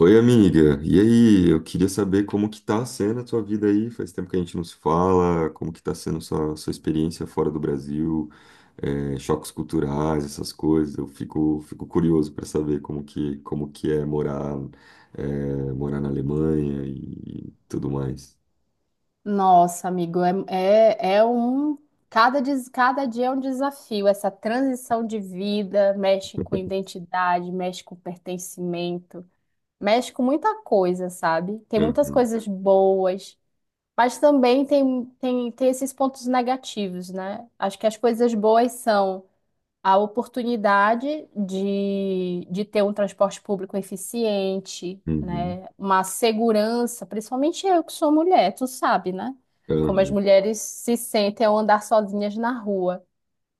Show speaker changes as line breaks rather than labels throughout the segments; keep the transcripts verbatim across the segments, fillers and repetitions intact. Oi, amiga. E aí, eu queria saber como que tá sendo a tua vida aí. Faz tempo que a gente não se fala. Como que tá sendo sua, sua experiência fora do Brasil? É, choques culturais, essas coisas. Eu fico, fico curioso para saber como que, como que é morar, é, morar na Alemanha e tudo mais.
Nossa, amigo, é, é, é um. Cada, des- cada dia é um desafio. Essa transição de vida mexe com identidade, mexe com pertencimento, mexe com muita coisa, sabe? Tem muitas
Uhum,
coisas boas, mas também tem, tem, tem esses pontos negativos, né? Acho que as coisas boas são a oportunidade de, de ter um transporte público eficiente,
uhum,
né? Uma segurança, principalmente eu que sou mulher, tu sabe, né? Como as
uhum,
mulheres se sentem ao andar sozinhas na rua.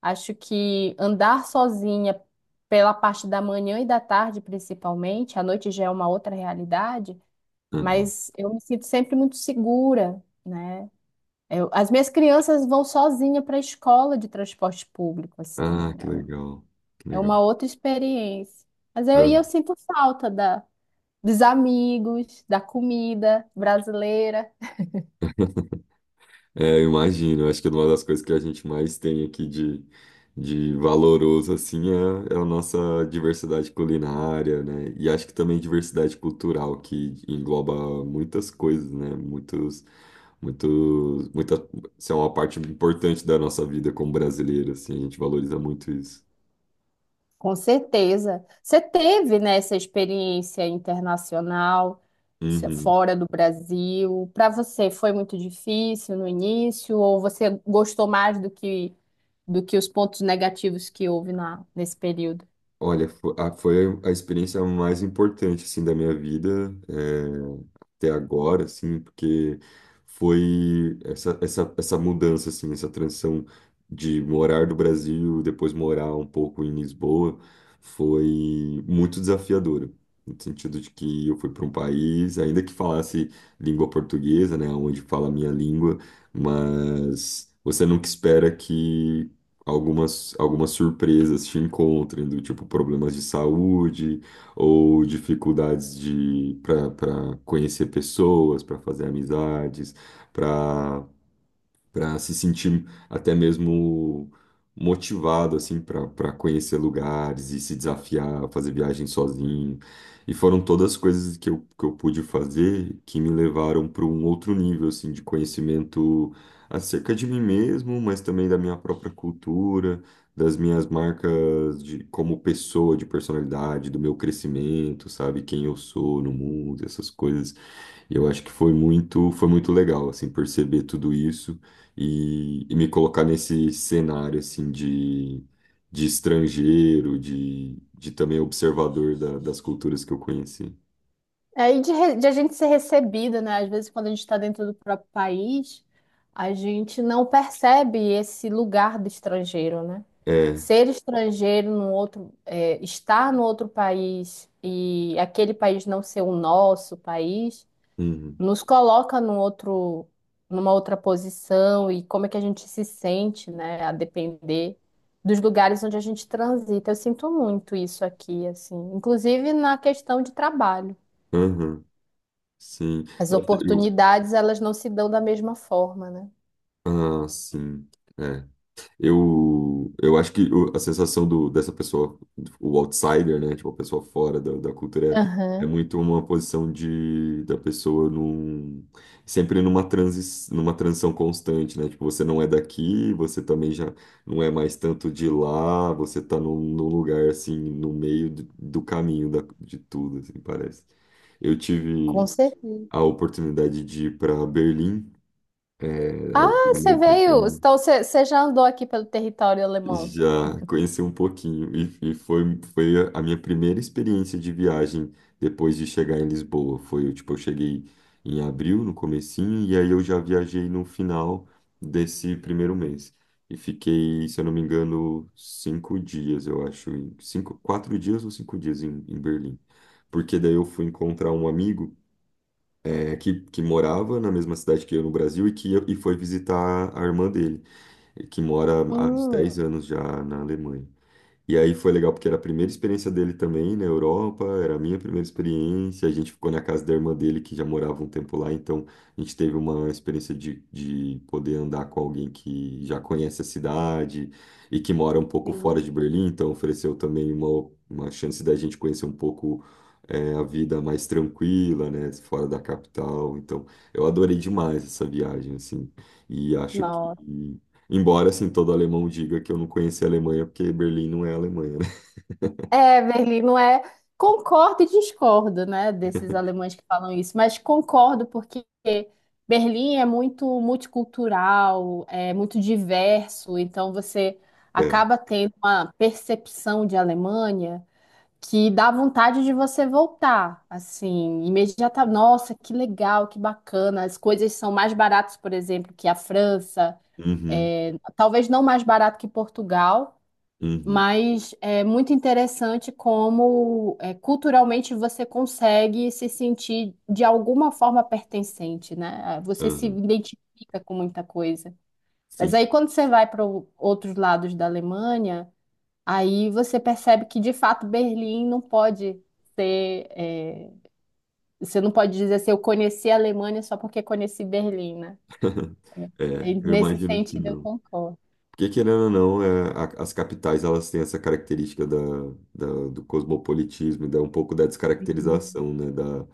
Acho que andar sozinha pela parte da manhã e da tarde, principalmente, à noite já é uma outra realidade,
uhum.
mas eu me sinto sempre muito segura, né? Eu- as minhas crianças vão sozinha para a escola de transporte público, assim.
Ah,
Né?
que legal. Que
É
legal.
uma outra experiência. Mas eu, e eu sinto falta da, dos amigos, da comida brasileira.
É, eu imagino. Acho que uma das coisas que a gente mais tem aqui de, de valoroso, assim, é, é a nossa diversidade culinária, né? E acho que também diversidade cultural, que engloba muitas coisas, né? Muitos, muitos, muita, isso é uma parte importante da nossa vida como brasileiro, assim, a gente valoriza muito isso.
Com certeza. Você teve, né, essa experiência internacional, se-
Uhum.
fora do Brasil. Para você foi muito difícil no início, ou você gostou mais do que, do que os pontos negativos que houve na, nesse período?
Olha, fo- a- foi a experiência mais importante, assim, da minha vida, eh, até agora, assim, porque foi essa, essa, essa mudança, assim, essa transição de morar do Brasil, depois morar um pouco em Lisboa, foi muito desafiadora, no sentido de que eu fui para um país, ainda que falasse língua portuguesa, né, onde fala a minha língua, mas você nunca espera que algumas, algumas surpresas te encontrem, do tipo problemas de saúde ou dificuldades de para conhecer pessoas, para fazer amizades, para para se sentir até mesmo motivado assim para para conhecer lugares e se desafiar, fazer viagem sozinho. E foram todas as coisas que eu, que eu pude fazer que me levaram para um outro nível assim de conhecimento acerca de mim mesmo, mas também da minha própria cultura, das minhas marcas de como pessoa, de personalidade, do meu crescimento, sabe, quem eu sou no mundo, essas coisas. E eu acho que foi muito, foi muito legal, assim, perceber tudo isso e, e me colocar nesse cenário, assim, de, de estrangeiro, de, de também observador da- das culturas que eu conheci.
É, e de, re- de a gente ser recebida, né? Às vezes, quando a gente está dentro do próprio país, a gente não percebe esse lugar do estrangeiro, né?
É,
Ser estrangeiro no outro, é, estar no outro país e aquele país não ser o nosso país,
uhum,
nos coloca num outro, numa outra posição e como é que a gente se sente, né? A depender dos lugares onde a gente transita. Eu sinto muito isso aqui, assim, inclusive na questão de trabalho.
uhum, sim.
As
Nossa, eu,
oportunidades, elas não se dão da mesma forma, né?
ah, sim. É. Eu, eu acho que o- a sensação do, dessa pessoa, o outsider, né? Tipo, a pessoa fora da, da cultura, é, é
Aham.
muito uma posição de, da pessoa num, sempre numa transi, numa transição constante, né? Tipo, você não é daqui, você também já não é mais tanto de lá, você tá num, num lugar, assim, no meio do, do caminho da, de tudo, assim, parece. Eu
Com
tive
certeza.
a oportunidade de ir para Berlim, é,
Ah,
ao longo do meu
você veio.
intercâmbio.
Então, você você já andou aqui pelo território alemão.
Já conheci um pouquinho e, e foi, foi a minha primeira experiência de viagem depois de chegar em Lisboa. Foi, tipo, eu cheguei em abril, no comecinho, e aí eu já viajei no final desse primeiro mês. E fiquei, se eu não me engano, cinco dias, eu acho, em- cinco, quatro dias ou cinco dias em, em Berlim. Porque daí eu fui encontrar um amigo eh, que, que morava na mesma cidade que eu no Brasil e que eu- e foi visitar a irmã dele, que mora há uns
Hum.
dez anos já na Alemanha. E aí foi legal porque era a primeira experiência dele também na Europa, era a minha primeira experiência. A gente ficou na casa da irmã dele, que já morava um tempo lá, então a gente teve uma experiência de, de poder andar com alguém que já conhece a cidade e que mora um pouco fora
Sim.
de Berlim, então ofereceu também uma, uma chance da gente conhecer um pouco. é, a vida mais tranquila, né, fora da capital. Então, eu adorei demais essa viagem, assim, e acho que
Nossa.
embora, assim, todo alemão diga que eu não conheci a Alemanha, porque Berlim não é a Alemanha, né?
É, Berlim, não é? Concordo e discordo, né, desses alemães que falam isso, mas concordo porque Berlim é muito multicultural, é muito diverso, então você
É.
acaba tendo uma percepção de Alemanha que dá vontade de você voltar, assim, imediata. Nossa, que legal, que bacana. As coisas são mais baratas, por exemplo, que a França.
Uhum,
É, talvez não mais barato que Portugal,
uhum,
mas é muito interessante como é, culturalmente você consegue se sentir de alguma forma pertencente, né? Você se
uhum.
identifica com muita coisa. Mas
Sim.
aí quando você vai para outros lados da Alemanha, aí você percebe que, de fato, Berlim não pode ser. É, você não pode dizer assim, eu conheci a Alemanha só porque conheci Berlim, né?
É,
E
eu
nesse
imagino que
sentido, eu
não.
concordo.
Porque, querendo ou não, é, a- as capitais, elas têm essa característica da, da- do cosmopolitismo, e da, um pouco da descaracterização, né? Da,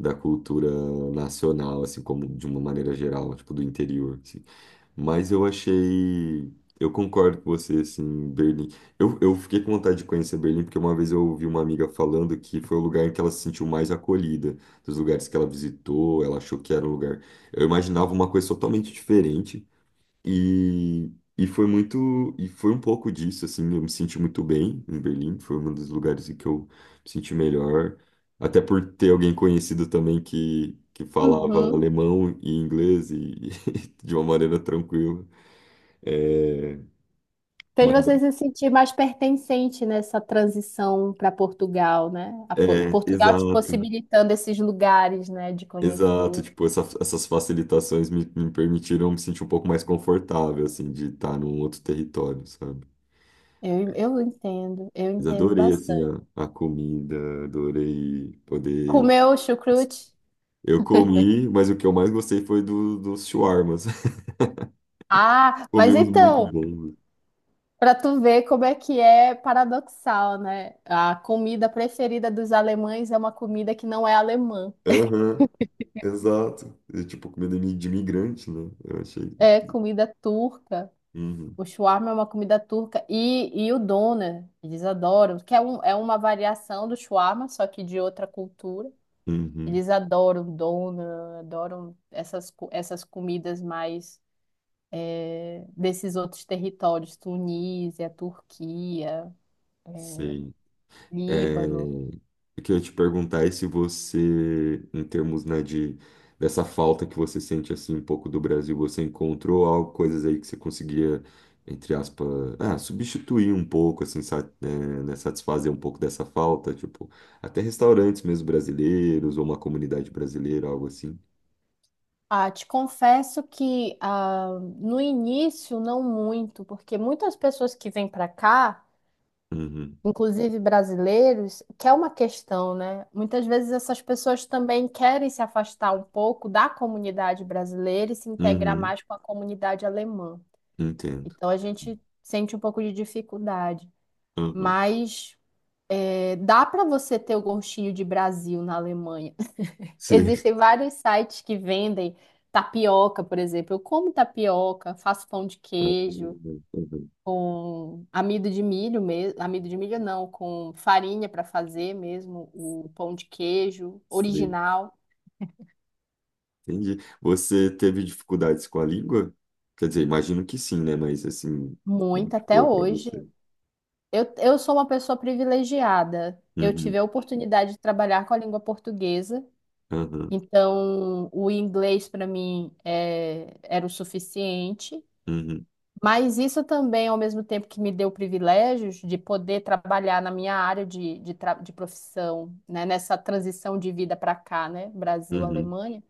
da cultura nacional, assim, como de uma maneira geral, tipo, do interior, assim. Mas eu achei. Eu concordo com você, assim, Berlim. Eu, eu fiquei com vontade de conhecer Berlim, porque uma vez eu ouvi uma amiga falando que foi o lugar em que ela se sentiu mais acolhida, dos lugares que ela visitou, ela achou que era um lugar. Eu imaginava uma coisa totalmente diferente. E, e foi muito, e foi um pouco disso, assim, eu me senti muito bem em Berlim, foi um dos lugares em que eu me senti melhor, até por ter alguém conhecido também que, que falava
Uhum.
alemão e inglês e, de uma maneira tranquila. É,
Fez você
mas-
se sentir mais pertencente nessa transição para Portugal, né? A Po-
é,
Portugal te
exato,
possibilitando esses lugares, né, de conhecer.
exato, tipo, essa- essas facilitações me, me permitiram me sentir um pouco mais confortável, assim, de estar num outro território, sabe?
Eu, eu entendo, eu
Mas
entendo
adorei, assim,
bastante.
a, a comida, adorei poder.
Comeu chucrute?
Eu comi, mas o que eu mais gostei foi do, dos shawarmas.
Ah,
Comi
mas
uns muito
então.
bons.
Pra tu ver como é que é paradoxal, né? A comida preferida dos alemães é uma comida que não é alemã,
Aham, exato. É tipo comida de imigrante, né? Eu achei.
é comida turca.
Uhum,
O shawarma é uma comida turca e, e o doner, eles adoram, que é, um, é uma variação do shawarma, só que de outra cultura.
uhum,
Eles adoram doner, adoram essas, co- essas comidas mais eh, desses outros territórios, Tunísia, Turquia,
sei. É,
Líbano.
eu queria te perguntar é se você, em termos, né, de dessa falta que você sente assim um pouco do Brasil, você encontrou algo, coisas aí que você conseguia, entre aspas, ah, substituir um pouco, assim, sa- né, né, satisfazer um pouco dessa falta, tipo, até restaurantes mesmo brasileiros ou uma comunidade brasileira, algo assim.
Ah, te confesso que ah, no início não muito, porque muitas pessoas que vêm para cá,
Uhum,
inclusive brasileiros, que é uma questão, né? Muitas vezes essas pessoas também querem se afastar um pouco da comunidade brasileira e se integrar
uhum,
mais com a comunidade alemã.
entendo.
Então a gente sente um pouco de dificuldade,
Uhum,
mas eh, dá para você ter o gostinho de Brasil na Alemanha.
sim.
Existem vários sites que vendem tapioca, por exemplo. Eu como tapioca, faço pão de queijo
Uhum, uhum,
com amido de milho mesmo, amido de milho não, com farinha para fazer mesmo o pão de queijo
sei.
original,
Entendi. Você teve dificuldades com a língua? Quer dizer, imagino que sim, né? Mas assim, como
muito
que
até
foi para
hoje.
você?
Eu, eu sou uma pessoa privilegiada. Eu tive
Uhum,
a oportunidade de trabalhar com a língua portuguesa,
uhum,
então o inglês para mim é, era o suficiente.
uhum,
Mas isso também, ao mesmo tempo que me deu privilégios de poder trabalhar na minha área de, de, tra- de profissão, né, nessa transição de vida para cá, né? Brasil,
uhum,
Alemanha,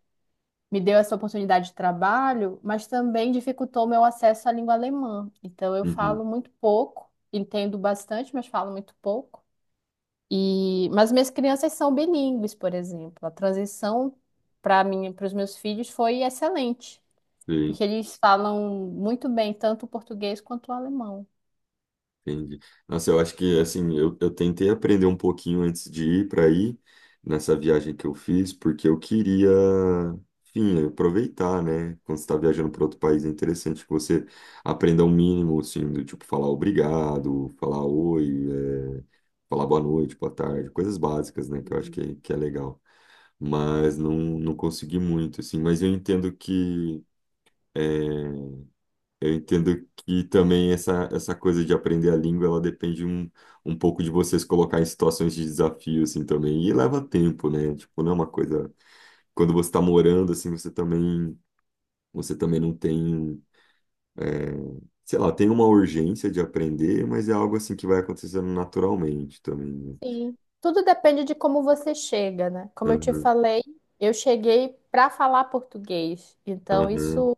me deu essa oportunidade de trabalho, mas também dificultou meu acesso à língua alemã. Então, eu
uhum.
falo muito pouco, entendo bastante, mas falo muito pouco. E, mas minhas crianças são bilíngues, por exemplo. A transição para mim, para os meus filhos foi excelente.
Sim,
Porque eles falam muito bem tanto o português quanto o alemão.
entendi. Nossa, eu acho que assim, eu, eu tentei aprender um pouquinho antes de ir para aí, nessa viagem que eu fiz, porque eu queria, enfim, aproveitar, né? Quando você está viajando para outro país, é interessante que você aprenda o mínimo, assim, do tipo falar obrigado, falar oi. é, falar boa noite, boa tarde, coisas básicas, né, que eu acho
Hum.
que, que é legal. Mas não, não consegui muito, assim. Mas eu entendo que eu entendo que também essa, essa coisa de aprender a língua, ela depende um, um pouco de vocês colocar em situações de desafio, assim, também. E leva tempo, né? Tipo, não é uma coisa. Quando você está morando, assim, você também, você também não tem. É, sei lá, tem uma urgência de aprender, mas é algo, assim, que vai acontecendo naturalmente também, né?
Sim, tudo depende de como você chega, né? Como eu te
Aham,
falei, eu cheguei para falar português, então
aham,
isso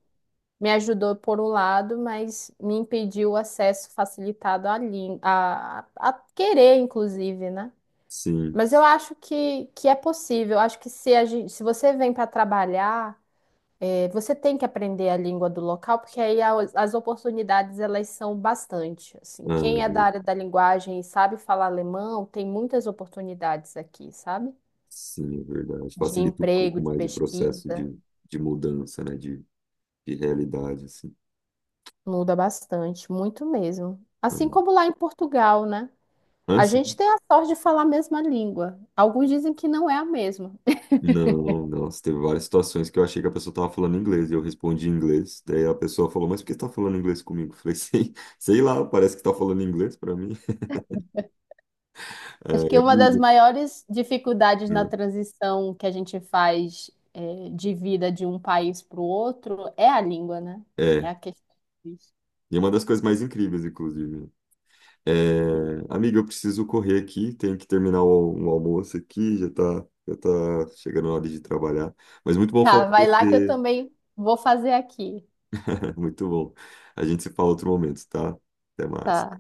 me ajudou por um lado, mas me impediu o acesso facilitado à língua, a, a querer, inclusive, né?
sim.
Mas eu acho que, que é possível. Acho que se, a gente, se você vem para trabalhar. É, você tem que aprender a língua do local, porque aí a- as oportunidades elas são bastante. Assim,
Ah,
quem é da área da linguagem e sabe falar alemão, tem muitas oportunidades aqui, sabe?
sim, é verdade.
De
Facilita um
emprego,
pouco
de
mais o processo
pesquisa,
de, de mudança, né? De, de realidade, assim.
muda bastante, muito mesmo.
Ah,
Assim como lá em Portugal, né?
ah,
A gente
sim.
tem a sorte de falar a mesma língua. Alguns dizem que não é a mesma.
Não, nossa, teve várias situações que eu achei que a pessoa tava falando inglês e eu respondi em inglês. Daí a pessoa falou, mas por que você tá falando inglês comigo? Eu falei, sei, sei lá, parece que tá falando inglês pra mim. É,
Acho que
eu
uma das
ligo.
maiores dificuldades na transição que a gente faz é, de vida de um país para o outro é a língua, né?
É,
É
é.
a questão. Disso.
E uma das coisas mais incríveis, inclusive. É, amiga, eu preciso correr aqui, tenho que terminar o, um almoço aqui, já tá, já tá chegando a hora de trabalhar. Mas muito bom
Tá,
falar com
vai lá que eu
você.
também vou fazer aqui.
Muito bom. A gente se fala outro momento, tá? Até
Tá.
mais.